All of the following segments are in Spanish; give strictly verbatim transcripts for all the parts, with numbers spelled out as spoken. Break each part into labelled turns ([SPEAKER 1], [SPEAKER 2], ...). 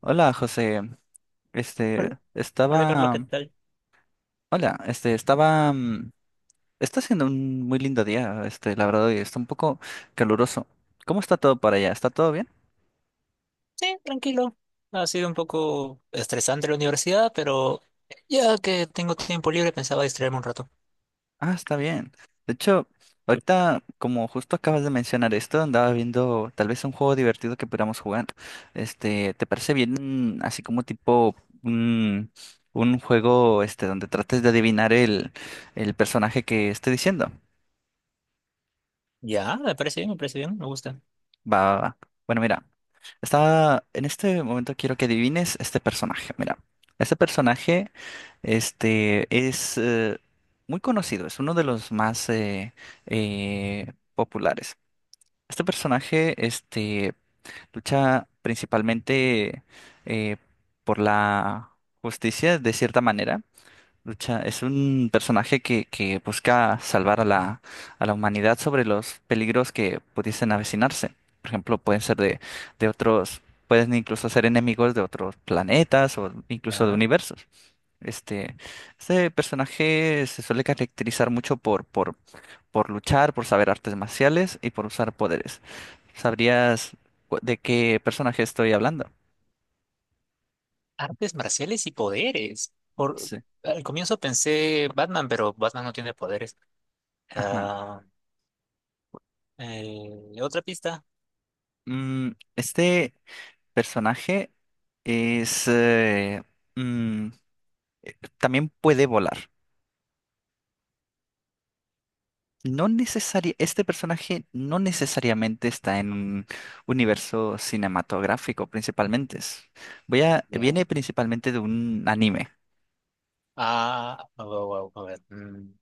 [SPEAKER 1] Hola, José. Este,
[SPEAKER 2] Hola, hola Carlos, ¿qué
[SPEAKER 1] estaba.
[SPEAKER 2] tal?
[SPEAKER 1] Hola, este, estaba. mm, Está siendo un muy lindo día, este, la verdad, y está un poco caluroso. ¿Cómo está todo para allá? ¿Está todo bien?
[SPEAKER 2] Sí, tranquilo. Ha sido un poco estresante la universidad, pero ya que tengo tiempo libre pensaba distraerme un rato.
[SPEAKER 1] Ah, está bien. De hecho, ahorita, como justo acabas de mencionar esto, andaba viendo tal vez un juego divertido que pudiéramos jugar. Este, ¿te parece bien, mm, así como tipo un, un juego, este, donde trates de adivinar el, el personaje que esté diciendo?
[SPEAKER 2] Ya, me parece bien, me parece bien, me gusta.
[SPEAKER 1] Va, va, va. Bueno, mira, está, en este momento quiero que adivines este personaje. Mira, este personaje, este, es eh, muy conocido, es uno de los más eh, eh, populares. Este personaje, este, lucha principalmente eh, por la justicia, de cierta manera. Lucha es un personaje que, que busca salvar a la, a la humanidad sobre los peligros que pudiesen avecinarse. Por ejemplo, pueden ser de, de otros, pueden incluso ser enemigos de otros planetas o incluso de
[SPEAKER 2] Ya.
[SPEAKER 1] universos. Este, este personaje se suele caracterizar mucho por, por, por luchar, por saber artes marciales y por usar poderes. ¿Sabrías cu- de qué personaje estoy hablando?
[SPEAKER 2] Artes marciales y poderes. Por,
[SPEAKER 1] Sí.
[SPEAKER 2] al comienzo pensé Batman, pero Batman no tiene poderes.
[SPEAKER 1] Ajá.
[SPEAKER 2] Ah, eh, Otra pista.
[SPEAKER 1] Mm, este. Personaje es eh, mm, también puede volar. No necesaria, este personaje no necesariamente está en un universo cinematográfico, principalmente. Es- Voy a,
[SPEAKER 2] Ya.
[SPEAKER 1] viene principalmente de un anime,
[SPEAKER 2] Ah, wow, wow, a ver. mm,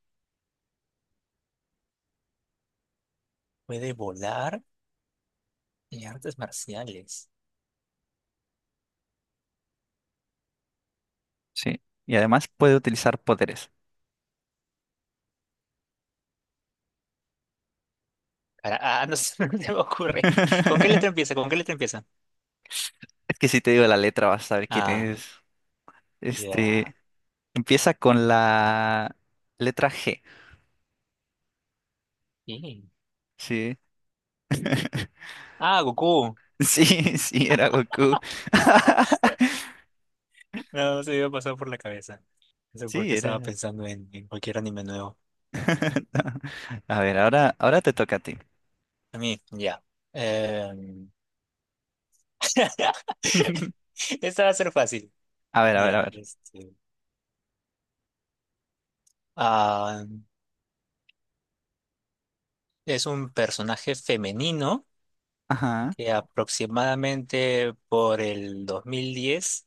[SPEAKER 2] Puede volar y artes marciales.
[SPEAKER 1] ¿sí? Y además puede utilizar poderes.
[SPEAKER 2] Cara- Ah, no sé, no se me ocurre. ¿Con qué letra empieza? ¿Con qué letra empieza?
[SPEAKER 1] Es que si te digo la letra vas a saber quién
[SPEAKER 2] Ah.
[SPEAKER 1] es.
[SPEAKER 2] Ya.
[SPEAKER 1] Este, empieza con la letra G,
[SPEAKER 2] Sí.
[SPEAKER 1] ¿sí?
[SPEAKER 2] Ah, Goku.
[SPEAKER 1] Sí, sí, era Goku.
[SPEAKER 2] No, no se me iba a pasar por la cabeza. No sé por
[SPEAKER 1] Sí,
[SPEAKER 2] qué estaba
[SPEAKER 1] era.
[SPEAKER 2] pensando en, en cualquier anime nuevo.
[SPEAKER 1] A ver, ahora, ahora te toca a ti.
[SPEAKER 2] A mí, ya. Em, Esta va a ser fácil.
[SPEAKER 1] A ver, a ver, a
[SPEAKER 2] Ya,
[SPEAKER 1] ver.
[SPEAKER 2] este. ah, es un personaje femenino
[SPEAKER 1] Ajá,
[SPEAKER 2] que aproximadamente por el dos mil diez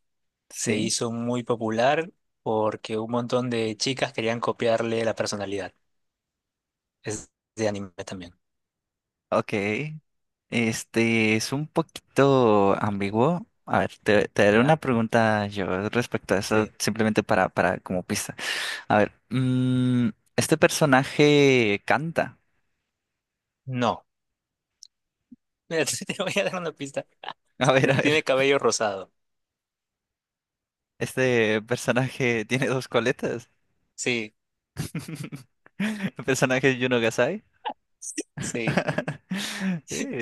[SPEAKER 2] se
[SPEAKER 1] sí,
[SPEAKER 2] hizo muy popular porque un montón de chicas querían copiarle la personalidad. Es de anime también.
[SPEAKER 1] ok. Este es un poquito ambiguo. A ver, te, te haré
[SPEAKER 2] ¿Ya?
[SPEAKER 1] una pregunta yo respecto a eso,
[SPEAKER 2] Sí.
[SPEAKER 1] simplemente para, para como pista. A ver, mm, este personaje canta.
[SPEAKER 2] No. Mira, te voy a dar una pista.
[SPEAKER 1] A ver, a
[SPEAKER 2] Tiene
[SPEAKER 1] ver.
[SPEAKER 2] cabello rosado.
[SPEAKER 1] Este personaje tiene dos coletas.
[SPEAKER 2] Sí,
[SPEAKER 1] El personaje es Yuno Gasai.
[SPEAKER 2] sí.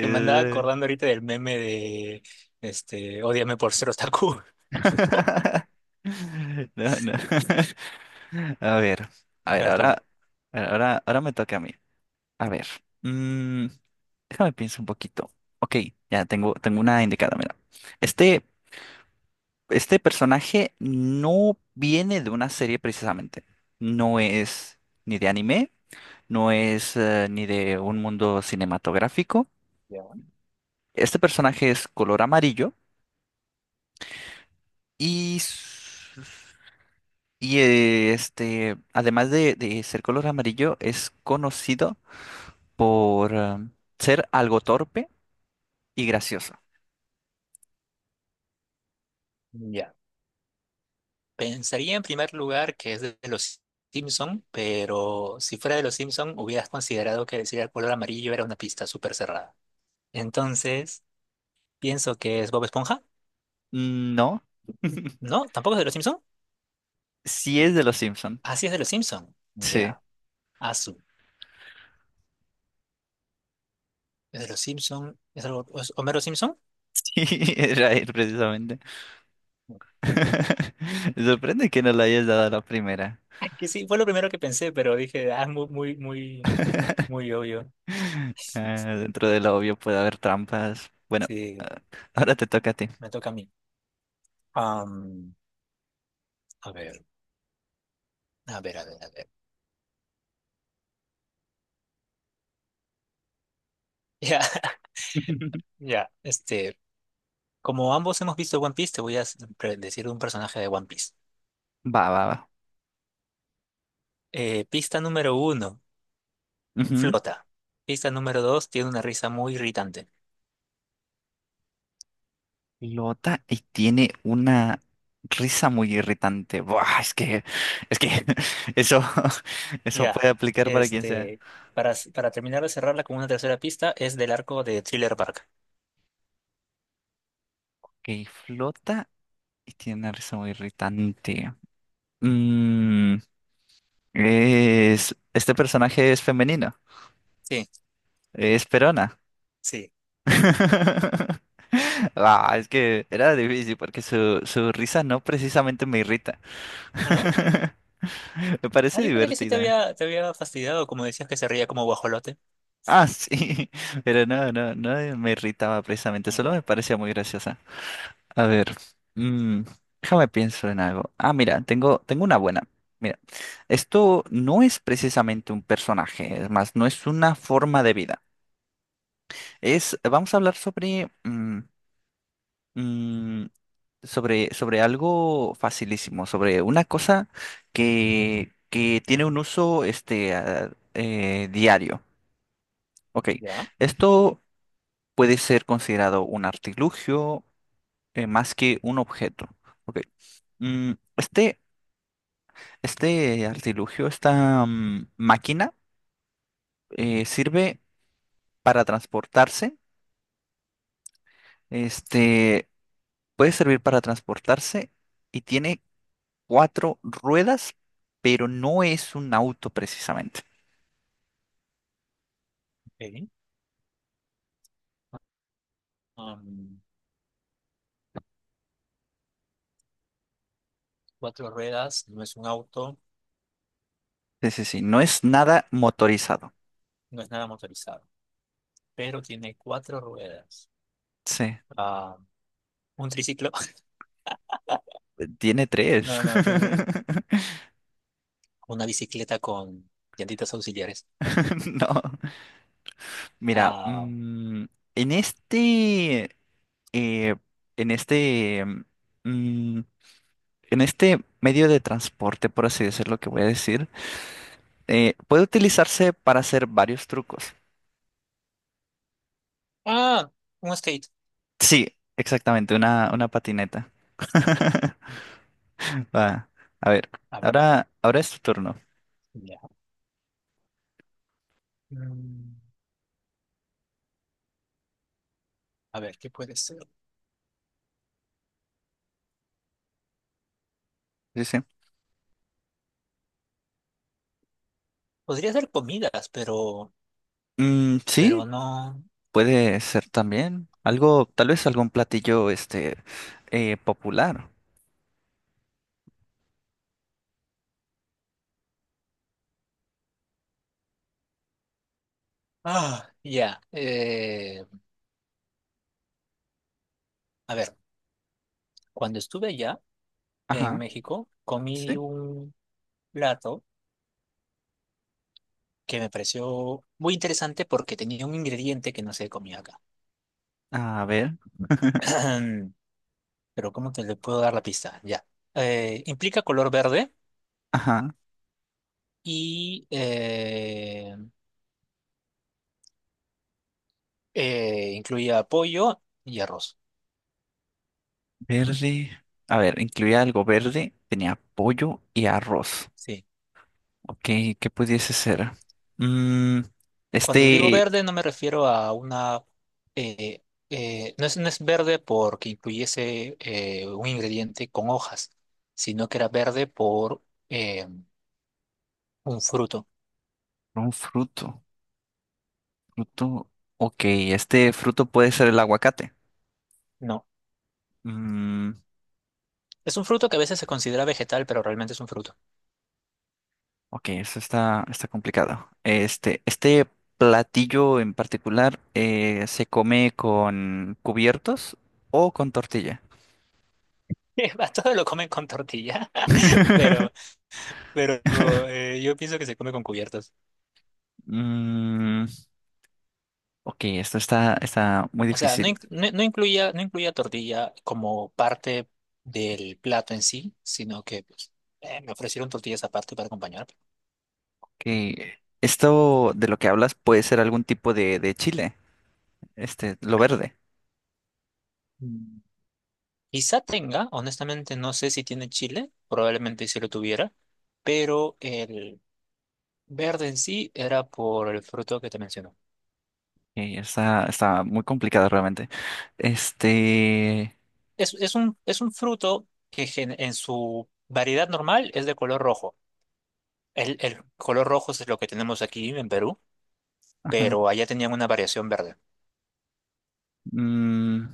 [SPEAKER 2] Que me andaba acordando ahorita del meme de, este, Ódiame por ser otaku.
[SPEAKER 1] No, no. A ver, a ver,
[SPEAKER 2] Artuna.
[SPEAKER 1] ahora, ahora, ahora me toca a mí. A ver, mm, déjame pienso un poquito. Ok, ya tengo, tengo una indicada, mira. Este, este personaje no viene de una serie precisamente. No es ni de anime, no es eh, ni de un mundo cinematográfico.
[SPEAKER 2] Ya.
[SPEAKER 1] Este personaje es color amarillo y Y eh, este, además de, de ser color amarillo, es conocido por um, ser algo torpe y gracioso.
[SPEAKER 2] Ya. Pensaría en primer lugar que es de de los Simpson, pero si fuera de los Simpson hubieras considerado que decir el color amarillo era una pista súper cerrada. Entonces, pienso que es Bob Esponja.
[SPEAKER 1] No,
[SPEAKER 2] No, tampoco es de los Simpson.
[SPEAKER 1] sí es de los Simpson.
[SPEAKER 2] Así es de los Simpson.
[SPEAKER 1] Sí,
[SPEAKER 2] Ya. Azu. Es de los Simpson. ¿Es algo- es Homero Simpson?
[SPEAKER 1] sí, era él precisamente. Me sorprende que no lo hayas dado a la primera.
[SPEAKER 2] Que sí, fue lo primero que pensé, pero dije, ah, es muy, muy, muy, muy obvio.
[SPEAKER 1] Ah, dentro de lo obvio puede haber trampas. Bueno,
[SPEAKER 2] Sí,
[SPEAKER 1] ah, ahora te toca a ti.
[SPEAKER 2] me toca a mí. Am, a ver, a ver, a ver, a ver. Ya, ya, este, Como ambos hemos visto One Piece, te voy a s- pre- decir un personaje de One Piece.
[SPEAKER 1] Va, va,
[SPEAKER 2] Eh, pista número uno,
[SPEAKER 1] va.
[SPEAKER 2] flota. Pista número dos, tiene una risa muy irritante.
[SPEAKER 1] Flota y tiene una risa muy irritante. Buah, es que, es que eso, eso puede
[SPEAKER 2] Ya,
[SPEAKER 1] aplicar para quien sea.
[SPEAKER 2] este, para, s- para terminar de cerrarla con una tercera pista, es del arco de Thriller Bark.
[SPEAKER 1] Ok, flota y tiene una risa muy irritante. Mm, es, este personaje es femenino.
[SPEAKER 2] Sí,
[SPEAKER 1] Es Perona.
[SPEAKER 2] sí.
[SPEAKER 1] Ah, es que era difícil porque su, su risa no precisamente me irrita.
[SPEAKER 2] Ah.
[SPEAKER 1] Me
[SPEAKER 2] Ah,
[SPEAKER 1] parece
[SPEAKER 2] yo pensé que sí te
[SPEAKER 1] divertida.
[SPEAKER 2] había, te había fastidiado, como decías que se reía como guajolote.
[SPEAKER 1] Ah, sí, pero no, no, no me irritaba precisamente,
[SPEAKER 2] Ah,
[SPEAKER 1] solo me
[SPEAKER 2] ya.
[SPEAKER 1] parecía muy graciosa. A ver, mm, déjame pienso en algo. Ah, mira, tengo, tengo una buena. Mira, esto no es precisamente un personaje, es más, no es una forma de vida. Es, vamos a hablar sobre, mm, mm, sobre, sobre algo facilísimo, sobre una cosa que, que tiene un uso, este, ah, eh, diario. Ok,
[SPEAKER 2] Ya.
[SPEAKER 1] esto puede ser considerado un artilugio eh, más que un objeto. Ok. Mm, este, este artilugio, esta mm, máquina, eh, sirve para transportarse. Este puede servir para transportarse y tiene cuatro ruedas, pero no es un auto precisamente.
[SPEAKER 2] Ok. Am, Cuatro ruedas, no es un auto,
[SPEAKER 1] Sí, sí, sí, no es nada motorizado.
[SPEAKER 2] no es nada motorizado, pero tiene cuatro ruedas.
[SPEAKER 1] Sí,
[SPEAKER 2] Ah, un triciclo.
[SPEAKER 1] tiene tres.
[SPEAKER 2] No, no, tiene una bicicleta con llantitas auxiliares.
[SPEAKER 1] No, mira,
[SPEAKER 2] Ah,
[SPEAKER 1] mm, en este. eh, en este, mm, en este medio de transporte, por así decirlo, que voy a decir, eh, puede utilizarse para hacer varios trucos.
[SPEAKER 2] ah, un skate.
[SPEAKER 1] Sí, exactamente, una, una patineta. Va, a ver,
[SPEAKER 2] A ver,
[SPEAKER 1] ahora, ahora es tu turno.
[SPEAKER 2] ya. Mm, A ver, ¿qué puede ser?
[SPEAKER 1] Sí, sí.
[SPEAKER 2] Podría ser comidas, pero,
[SPEAKER 1] Mm, sí,
[SPEAKER 2] pero no.
[SPEAKER 1] puede ser también algo, tal vez algún platillo, este, eh, popular.
[SPEAKER 2] Ah, ya. eh, a ver, cuando estuve allá. En
[SPEAKER 1] Ajá,
[SPEAKER 2] México, comí
[SPEAKER 1] sí.
[SPEAKER 2] un plato que me pareció muy interesante porque tenía un ingrediente que no se comía acá.
[SPEAKER 1] A ver,
[SPEAKER 2] Pero ¿cómo te le puedo dar la pista? Ya. Eh, implica color verde
[SPEAKER 1] ajá.
[SPEAKER 2] y eh, eh, incluía pollo y arroz.
[SPEAKER 1] Verde. A ver, incluía algo verde, tenía pollo y arroz.
[SPEAKER 2] Sí.
[SPEAKER 1] Ok, ¿qué pudiese ser? Mm,
[SPEAKER 2] Cuando digo
[SPEAKER 1] este,
[SPEAKER 2] verde no me refiero a una... eh, eh, no es, no es verde porque incluyese eh, un ingrediente con hojas, sino que era verde por eh, un fruto.
[SPEAKER 1] un fruto. Fruto. Ok, este fruto puede ser el aguacate.
[SPEAKER 2] No.
[SPEAKER 1] Mm,
[SPEAKER 2] Es un fruto que a veces se considera vegetal, pero realmente es un fruto.
[SPEAKER 1] ok, eso está, está complicado. Este, este platillo en particular eh, se come con cubiertos o con tortilla.
[SPEAKER 2] A todos lo comen con tortilla, pero, pero eh, yo pienso que se come con cubiertos.
[SPEAKER 1] Mm, ok, esto está, está muy
[SPEAKER 2] O sea, no,
[SPEAKER 1] difícil.
[SPEAKER 2] inc- no, no incluía, no incluía tortilla como parte del plato en sí, sino que pues, eh, me ofrecieron tortillas aparte para acompañar.
[SPEAKER 1] Que esto de lo que hablas puede ser algún tipo de, de chile, este, lo verde.
[SPEAKER 2] Mm. Quizá tenga, honestamente no sé si tiene chile, probablemente si lo tuviera, pero el verde en sí era por el fruto que te menciono.
[SPEAKER 1] y está, está muy complicado realmente. Este,
[SPEAKER 2] Es, es un, es un fruto que gen- en su variedad normal es de color rojo. El, el color rojo es lo que tenemos aquí en Perú,
[SPEAKER 1] ajá,
[SPEAKER 2] pero allá tenían una variación verde.
[SPEAKER 1] mm,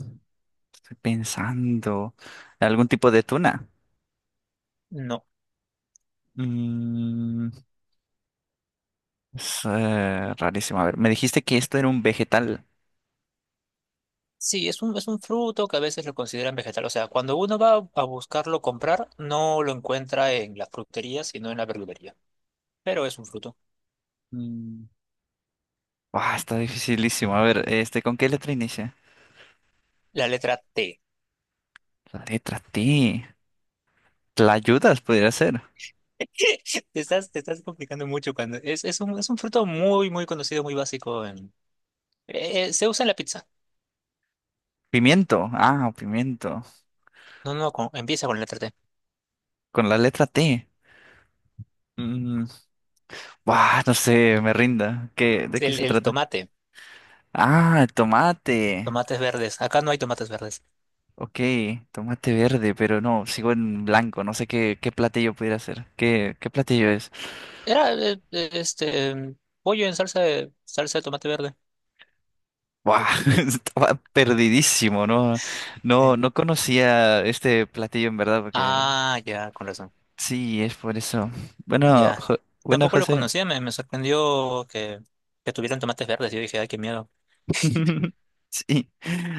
[SPEAKER 1] estoy pensando, algún tipo de tuna.
[SPEAKER 2] No.
[SPEAKER 1] Mm, es eh, rarísimo. A ver, me dijiste que esto era un vegetal.
[SPEAKER 2] Sí, es un, es un fruto que a veces lo consideran vegetal. O sea, cuando uno va a buscarlo comprar, no lo encuentra en las fruterías, sino en la verdulería. Pero es un fruto.
[SPEAKER 1] Mm, ah, está dificilísimo. A ver, este, ¿con qué letra inicia?
[SPEAKER 2] La letra te.
[SPEAKER 1] La letra T. ¿La ayudas? Podría ser.
[SPEAKER 2] Te estás, te estás complicando mucho cuando... Es, es un, es un fruto muy, muy conocido, muy básico. en- eh, eh, se usa en la pizza.
[SPEAKER 1] Pimiento. Ah, pimiento.
[SPEAKER 2] No, no, con- empieza con la letra te.
[SPEAKER 1] Con la letra T. Mm, buah, no sé, me rinda. ¿Qué, ¿de qué
[SPEAKER 2] El,
[SPEAKER 1] se
[SPEAKER 2] el
[SPEAKER 1] trata?
[SPEAKER 2] tomate,
[SPEAKER 1] Ah, tomate.
[SPEAKER 2] tomates verdes. Acá no hay tomates verdes.
[SPEAKER 1] Ok, tomate verde, pero no, sigo en blanco. No sé qué, ¿qué platillo pudiera hacer? ¿Qué, ¿qué platillo es?
[SPEAKER 2] Era eh, eh, este em, pollo en salsa de, salsa de tomate verde.
[SPEAKER 1] Buah, estaba perdidísimo, ¿no? No,
[SPEAKER 2] Sí.
[SPEAKER 1] no conocía este platillo en verdad, porque
[SPEAKER 2] Ah, ya, con razón.
[SPEAKER 1] sí, es por eso. Bueno,
[SPEAKER 2] Ya.
[SPEAKER 1] Jo- bueno,
[SPEAKER 2] Tampoco lo
[SPEAKER 1] José.
[SPEAKER 2] conocía, me, me sorprendió que, que tuvieran tomates verdes. Yo dije, ay, qué miedo.
[SPEAKER 1] Sí.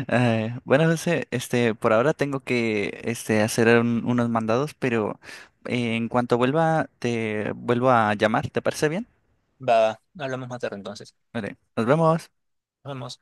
[SPEAKER 1] Eh, bueno, José, este, por ahora tengo que este, hacer un- unos mandados, pero eh, en cuanto vuelva, te vuelvo a llamar, ¿te parece bien?
[SPEAKER 2] Va, hablamos más tarde entonces.
[SPEAKER 1] Vale, nos vemos.
[SPEAKER 2] Nos vemos.